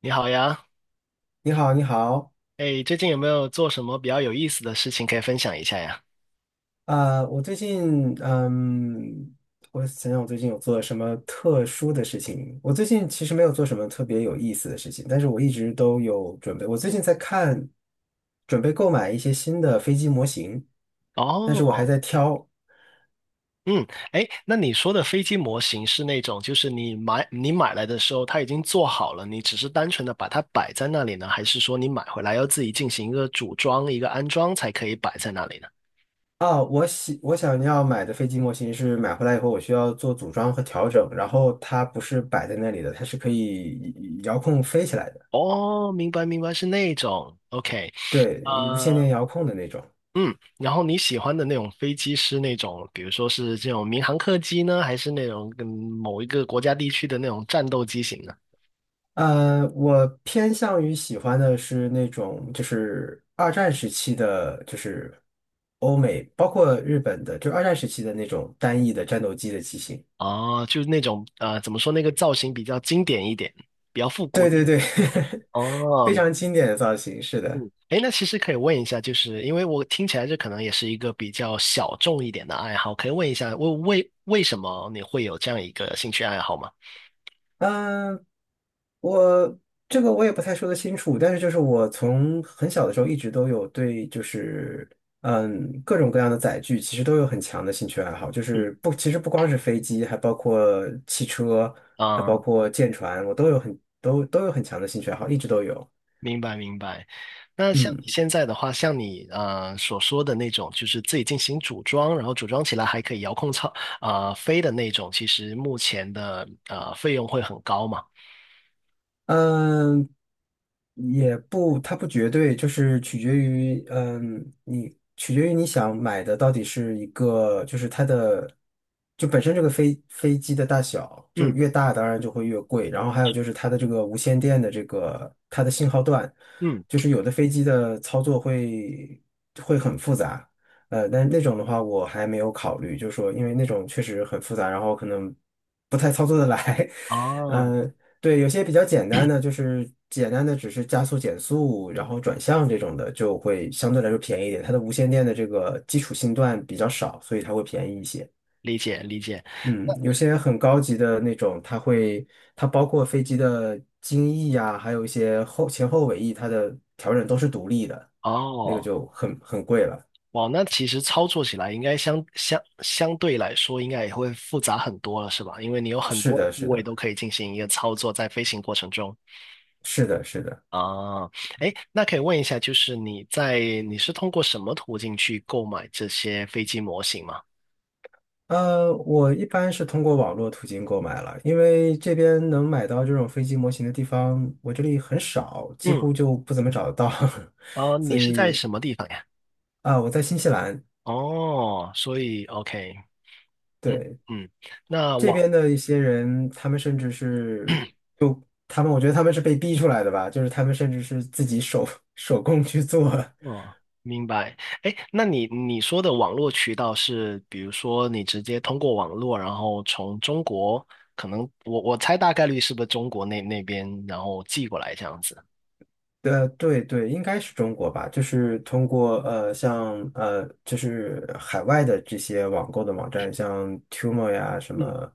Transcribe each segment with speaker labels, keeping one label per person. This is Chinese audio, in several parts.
Speaker 1: 你好呀。
Speaker 2: 你好，你好。
Speaker 1: 哎，最近有没有做什么比较有意思的事情可以分享一下呀？
Speaker 2: 我最近，我想想，我最近有做什么特殊的事情？我最近其实没有做什么特别有意思的事情，但是我一直都有准备。我最近在看，准备购买一些新的飞机模型，但是我还
Speaker 1: 哦。
Speaker 2: 在挑。
Speaker 1: 嗯。哎，那你说的飞机模型是那种，就是你买来的时候它已经做好了，你只是单纯的把它摆在那里呢，还是说你买回来要自己进行一个组装、一个安装才可以摆在那里呢？
Speaker 2: 哦，我想要买的飞机模型是买回来以后，我需要做组装和调整，然后它不是摆在那里的，它是可以遥控飞起来的。
Speaker 1: 哦，明白明白，是那种，OK，
Speaker 2: 对，无线电
Speaker 1: 呃。
Speaker 2: 遥控的那种。
Speaker 1: 嗯，然后你喜欢的那种飞机是那种，比如说是这种民航客机呢，还是那种跟某一个国家地区的那种战斗机型呢？
Speaker 2: 我偏向于喜欢的是那种，就是二战时期的，就是欧美，包括日本的，就二战时期的那种单翼的战斗机的机型。
Speaker 1: 哦，就是那种怎么说那个造型比较经典一点，比较复古
Speaker 2: 对
Speaker 1: 一
Speaker 2: 对
Speaker 1: 点。
Speaker 2: 对，
Speaker 1: 哦。哦
Speaker 2: 非
Speaker 1: 明
Speaker 2: 常经典的造型，是的。
Speaker 1: 嗯，哎，那其实可以问一下，就是因为我听起来这可能也是一个比较小众一点的爱好，可以问一下，为什么你会有这样一个兴趣爱好吗？
Speaker 2: 嗯，我这个我也不太说得清楚，但是就是我从很小的时候一直都有对就是各种各样的载具其实都有很强的兴趣爱好，就
Speaker 1: 嗯。
Speaker 2: 是不其实不光是飞机，还包括汽车，还包
Speaker 1: 啊。
Speaker 2: 括舰船，我都有都有很强的兴趣爱好，一直都有。
Speaker 1: 明白明白。那像你
Speaker 2: 嗯。
Speaker 1: 现在的话，像你所说的那种，就是自己进行组装，然后组装起来还可以遥控操、啊、飞的那种，其实目前的费用会很高嘛？
Speaker 2: 嗯，也不，它不绝对，就是取决于，你取决于你想买的到底是一个，就是它的，就本身这个飞机的大小，就是
Speaker 1: 嗯。
Speaker 2: 越大当然就会越贵，然后还有就是它的这个无线电的这个它的信号段，
Speaker 1: 嗯。
Speaker 2: 就是有的飞机的操作会很复杂。但是那种的话我还没有考虑，就是说因为那种确实很复杂，然后可能不太操作的来。
Speaker 1: 哦，
Speaker 2: 嗯，对，有些比较简单的，就是简单的只是加速、减速，然后转向这种的，就会相对来说便宜一点。它的无线电的这个基础信段比较少，所以它会便宜一些。
Speaker 1: 理解理解。
Speaker 2: 嗯，有些很高级的那种，它会它包括飞机的襟翼呀，还有一些后前后尾翼，它的调整都是独立的，那个
Speaker 1: 哦。
Speaker 2: 就很贵了。
Speaker 1: 哇，那其实操作起来应该相对来说应该也会复杂很多了，是吧？因为你有很
Speaker 2: 是
Speaker 1: 多
Speaker 2: 的，
Speaker 1: 部
Speaker 2: 是
Speaker 1: 位
Speaker 2: 的，
Speaker 1: 都可以进行一个操作，在飞行过程中。
Speaker 2: 是的，是的。
Speaker 1: 啊。哎，那可以问一下，就是你是通过什么途径去购买这些飞机模型吗？
Speaker 2: 我一般是通过网络途径购买了，因为这边能买到这种飞机模型的地方，我这里很少，几
Speaker 1: 嗯。
Speaker 2: 乎就不怎么找得到。
Speaker 1: 呃，
Speaker 2: 所
Speaker 1: 你是在
Speaker 2: 以
Speaker 1: 什么地方呀？
Speaker 2: 啊，我在新西兰。
Speaker 1: 哦，所以 OK。嗯。
Speaker 2: 对，
Speaker 1: 嗯。那
Speaker 2: 这
Speaker 1: 网
Speaker 2: 边的一些人，他们甚至是他们，我觉得他们是被逼出来的吧，就是他们甚至是自己手工去做。
Speaker 1: 哦，明白。哎，那你说的网络渠道是，比如说你直接通过网络，然后从中国，可能我猜大概率是不是中国那那边，然后寄过来这样子。
Speaker 2: 对对，应该是中国吧，就是通过像就是海外的这些网购的网站，像 Temu 呀什
Speaker 1: 嗯。
Speaker 2: 么，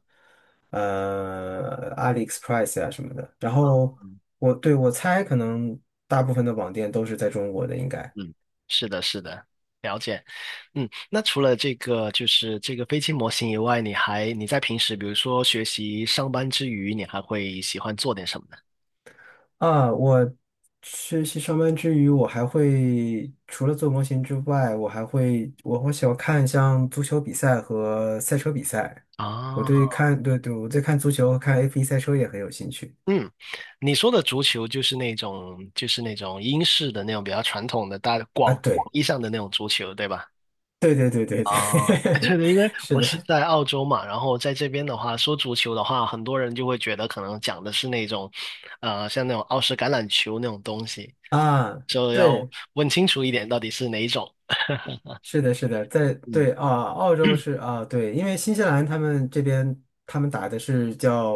Speaker 2: AliExpress 呀什么的。然后
Speaker 1: 嗯。
Speaker 2: 我猜，可能大部分的网店都是在中国的，应该。
Speaker 1: 嗯，是的，是的。了解。嗯，那除了这个就是这个飞机模型以外，你在平时，比如说学习、上班之余，你还会喜欢做点什么呢？
Speaker 2: 啊，我学习上班之余，我还会除了做模型之外，我还会我喜欢看像足球比赛和赛车比赛。我
Speaker 1: 啊。
Speaker 2: 对看对对，我对看足球和看 F1赛车也很有兴趣
Speaker 1: 嗯，你说的足球就是那种，就是那种英式的那种比较传统的大
Speaker 2: 啊。
Speaker 1: 广
Speaker 2: 对
Speaker 1: 义上的那种足球，对吧？
Speaker 2: 对对对对对，
Speaker 1: 啊，对对，因为
Speaker 2: 是
Speaker 1: 我是
Speaker 2: 的
Speaker 1: 在澳洲嘛，然后在这边的话，说足球的话，很多人就会觉得可能讲的是那种，像那种澳式橄榄球那种东西，
Speaker 2: 啊，
Speaker 1: 就要
Speaker 2: 对。
Speaker 1: 问清楚一点到底是哪一种。
Speaker 2: 是的，是的，
Speaker 1: 嗯。
Speaker 2: 对啊，澳洲是啊，对，因为新西兰他们这边他们打的是叫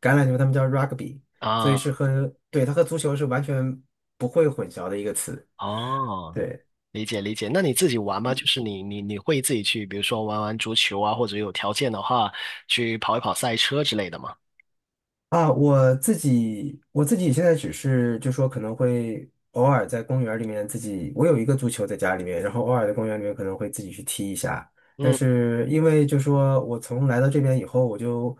Speaker 2: 橄榄球，他们叫 rugby，所以
Speaker 1: 啊。
Speaker 2: 对，它和足球是完全不会混淆的一个词。
Speaker 1: 哦，
Speaker 2: 对。
Speaker 1: 理解理解。那你自己玩吗？就是你会自己去，比如说玩玩足球啊，或者有条件的话去跑一跑赛车之类的吗？
Speaker 2: 啊，我自己现在只是就说可能会偶尔在公园里面自己，我有一个足球在家里面，然后偶尔在公园里面可能会自己去踢一下。但
Speaker 1: 嗯。
Speaker 2: 是因为就说我从来到这边以后，我就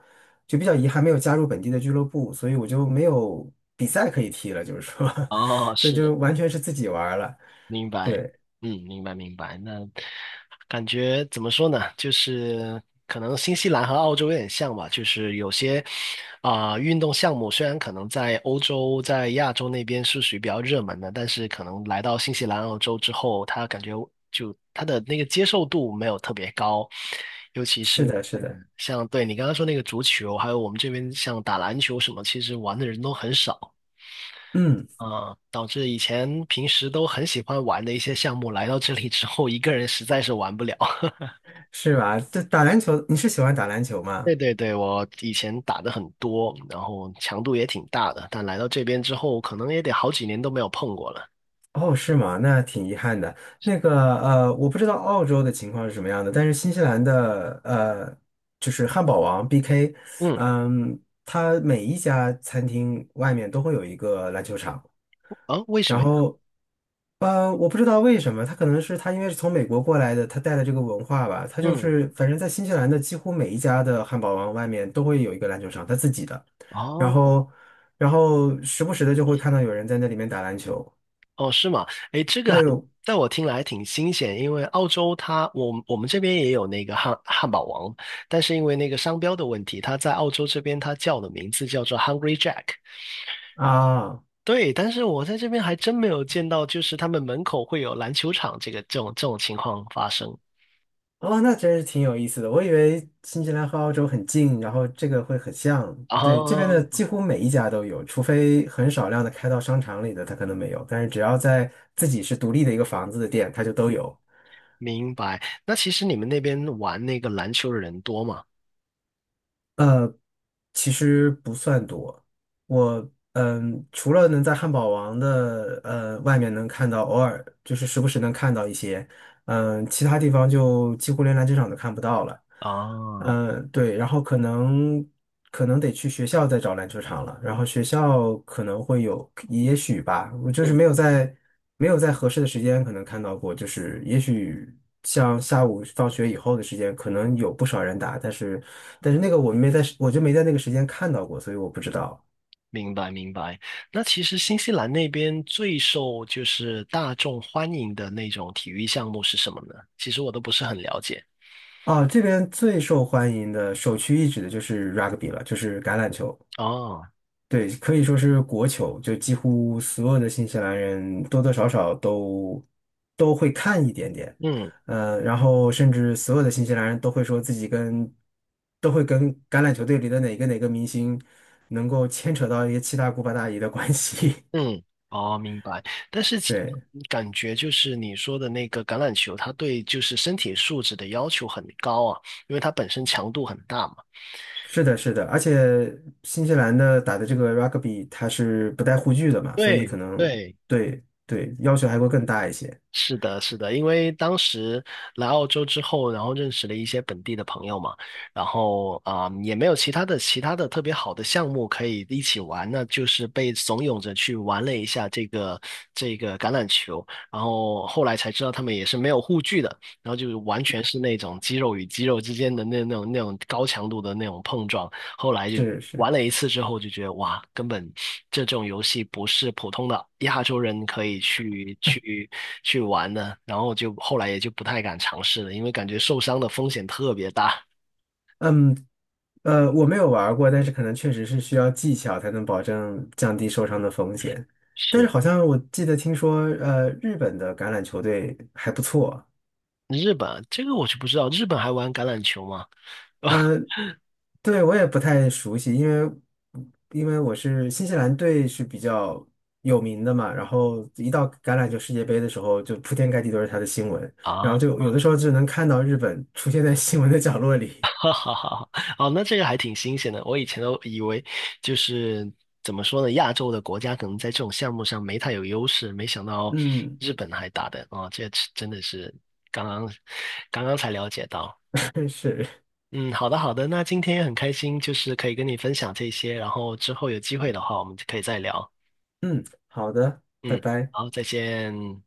Speaker 2: 就比较遗憾没有加入本地的俱乐部，所以我就没有比赛可以踢了，就是说，
Speaker 1: 哦，
Speaker 2: 所以
Speaker 1: 是。
Speaker 2: 就完全是自己玩儿了。
Speaker 1: 明白。
Speaker 2: 对，
Speaker 1: 嗯，明白明白。那感觉怎么说呢？就是可能新西兰和澳洲有点像吧，就是有些啊、运动项目虽然可能在欧洲、在亚洲那边是属于比较热门的，但是可能来到新西兰、澳洲之后，他感觉就他的那个接受度没有特别高，尤其是
Speaker 2: 是的，是
Speaker 1: 嗯，
Speaker 2: 的，
Speaker 1: 像对你刚刚说那个足球，还有我们这边像打篮球什么，其实玩的人都很少。
Speaker 2: 嗯，
Speaker 1: 啊，导致以前平时都很喜欢玩的一些项目，来到这里之后，一个人实在是玩不了。
Speaker 2: 是吧？这打篮球，你是喜欢打篮球吗？
Speaker 1: 对对对，我以前打的很多，然后强度也挺大的，但来到这边之后，可能也得好几年都没有碰过了。
Speaker 2: 哦，是吗？那挺遗憾的。那个我不知道澳洲的情况是什么样的，但是新西兰的就是汉堡王 BK，
Speaker 1: 嗯。
Speaker 2: 嗯，它每一家餐厅外面都会有一个篮球场。
Speaker 1: 啊，为什么
Speaker 2: 然
Speaker 1: 呀？
Speaker 2: 后我不知道为什么，他可能是他因为是从美国过来的，他带了这个文化吧，他就
Speaker 1: 嗯。
Speaker 2: 是反正在新西兰的几乎每一家的汉堡王外面都会有一个篮球场，他自己的。然
Speaker 1: 哦。
Speaker 2: 后然后时不时的就会看到有人在那里面打篮球。
Speaker 1: 哦，是吗？诶，这个还
Speaker 2: 对，
Speaker 1: 在我听来还挺新鲜，因为澳洲它，我们这边也有那个汉堡王，但是因为那个商标的问题，它在澳洲这边它叫的名字叫做 Hungry Jack。然
Speaker 2: 啊，
Speaker 1: 对，但是我在这边还真没有见到，就是他们门口会有篮球场这种情况发生。
Speaker 2: 哦，那真是挺有意思的。我以为新西兰和澳洲很近，然后这个会很像。对，这边的
Speaker 1: 哦。
Speaker 2: 几乎每一家都有，除非很少量的开到商场里的，它可能没有。但是只要在自己是独立的一个房子的店，它就都
Speaker 1: 嗯，
Speaker 2: 有。
Speaker 1: 明白。那其实你们那边玩那个篮球的人多吗？
Speaker 2: 呃，其实不算多。除了能在汉堡王的外面能看到，偶尔就是时不时能看到一些。其他地方就几乎连篮球场都看不到了。
Speaker 1: 啊。
Speaker 2: 嗯，对，然后可能得去学校再找篮球场了。然后学校可能会有，也许吧，我就是
Speaker 1: 嗯，
Speaker 2: 没有在合适的时间可能看到过，就是也许像下午放学以后的时间，可能有不少人打。但是那个我就没在那个时间看到过，所以我不知道。
Speaker 1: 明白明白。那其实新西兰那边最受就是大众欢迎的那种体育项目是什么呢？其实我都不是很了解。
Speaker 2: 啊，这边最受欢迎的首屈一指的就是 rugby 了，就是橄榄球。
Speaker 1: 哦。
Speaker 2: 对，可以说是国球，就几乎所有的新西兰人多多少少都会看一点点。
Speaker 1: 嗯。
Speaker 2: 然后甚至所有的新西兰人都会说自己跟都会跟橄榄球队里的哪个哪个明星能够牵扯到一些七大姑八大姨的关系。
Speaker 1: 嗯。哦，明白。但是 其
Speaker 2: 对，
Speaker 1: 感觉就是你说的那个橄榄球，它对就是身体素质的要求很高啊，因为它本身强度很大嘛。
Speaker 2: 是的，是的，而且新西兰的打的这个 rugby 它是不带护具的嘛，所以
Speaker 1: 对
Speaker 2: 可能
Speaker 1: 对，
Speaker 2: 对对要求还会更大一些。
Speaker 1: 是的，是的，因为当时来澳洲之后，然后认识了一些本地的朋友嘛，然后啊、也没有其他的特别好的项目可以一起玩，那就是被怂恿着去玩了一下这个橄榄球，然后后来才知道他们也是没有护具的，然后就是完全是那种肌肉与肌肉之间的那种高强度的那种碰撞，后来就
Speaker 2: 是
Speaker 1: 玩
Speaker 2: 是，
Speaker 1: 了一次之后就觉得哇，根本这种游戏不是普通的亚洲人可以去玩的，然后就后来也就不太敢尝试了，因为感觉受伤的风险特别大。
Speaker 2: 嗯我没有玩儿过，但是可能确实是需要技巧才能保证降低受伤的风险。但是
Speaker 1: 是。
Speaker 2: 好像我记得听说，日本的橄榄球队还不错。
Speaker 1: 日本，这个我就不知道，日本还玩橄榄球吗？
Speaker 2: 对，我也不太熟悉，因为新西兰队是比较有名的嘛，然后一到橄榄球世界杯的时候，就铺天盖地都是他的新闻，然后
Speaker 1: 啊，
Speaker 2: 就有的时候就能看到日本出现在新闻的角落里。
Speaker 1: 哈哈哈哈，哦，那这个还挺新鲜的。我以前都以为就是怎么说呢，亚洲的国家可能在这种项目上没太有优势，没想到
Speaker 2: 嗯，
Speaker 1: 日本还打的啊。哦，这真的是刚刚刚刚才了解到。
Speaker 2: 是，
Speaker 1: 嗯，好的好的，那今天也很开心，就是可以跟你分享这些，然后之后有机会的话，我们就可以再聊。
Speaker 2: 嗯，好的，拜
Speaker 1: 嗯，
Speaker 2: 拜。
Speaker 1: 好，再见。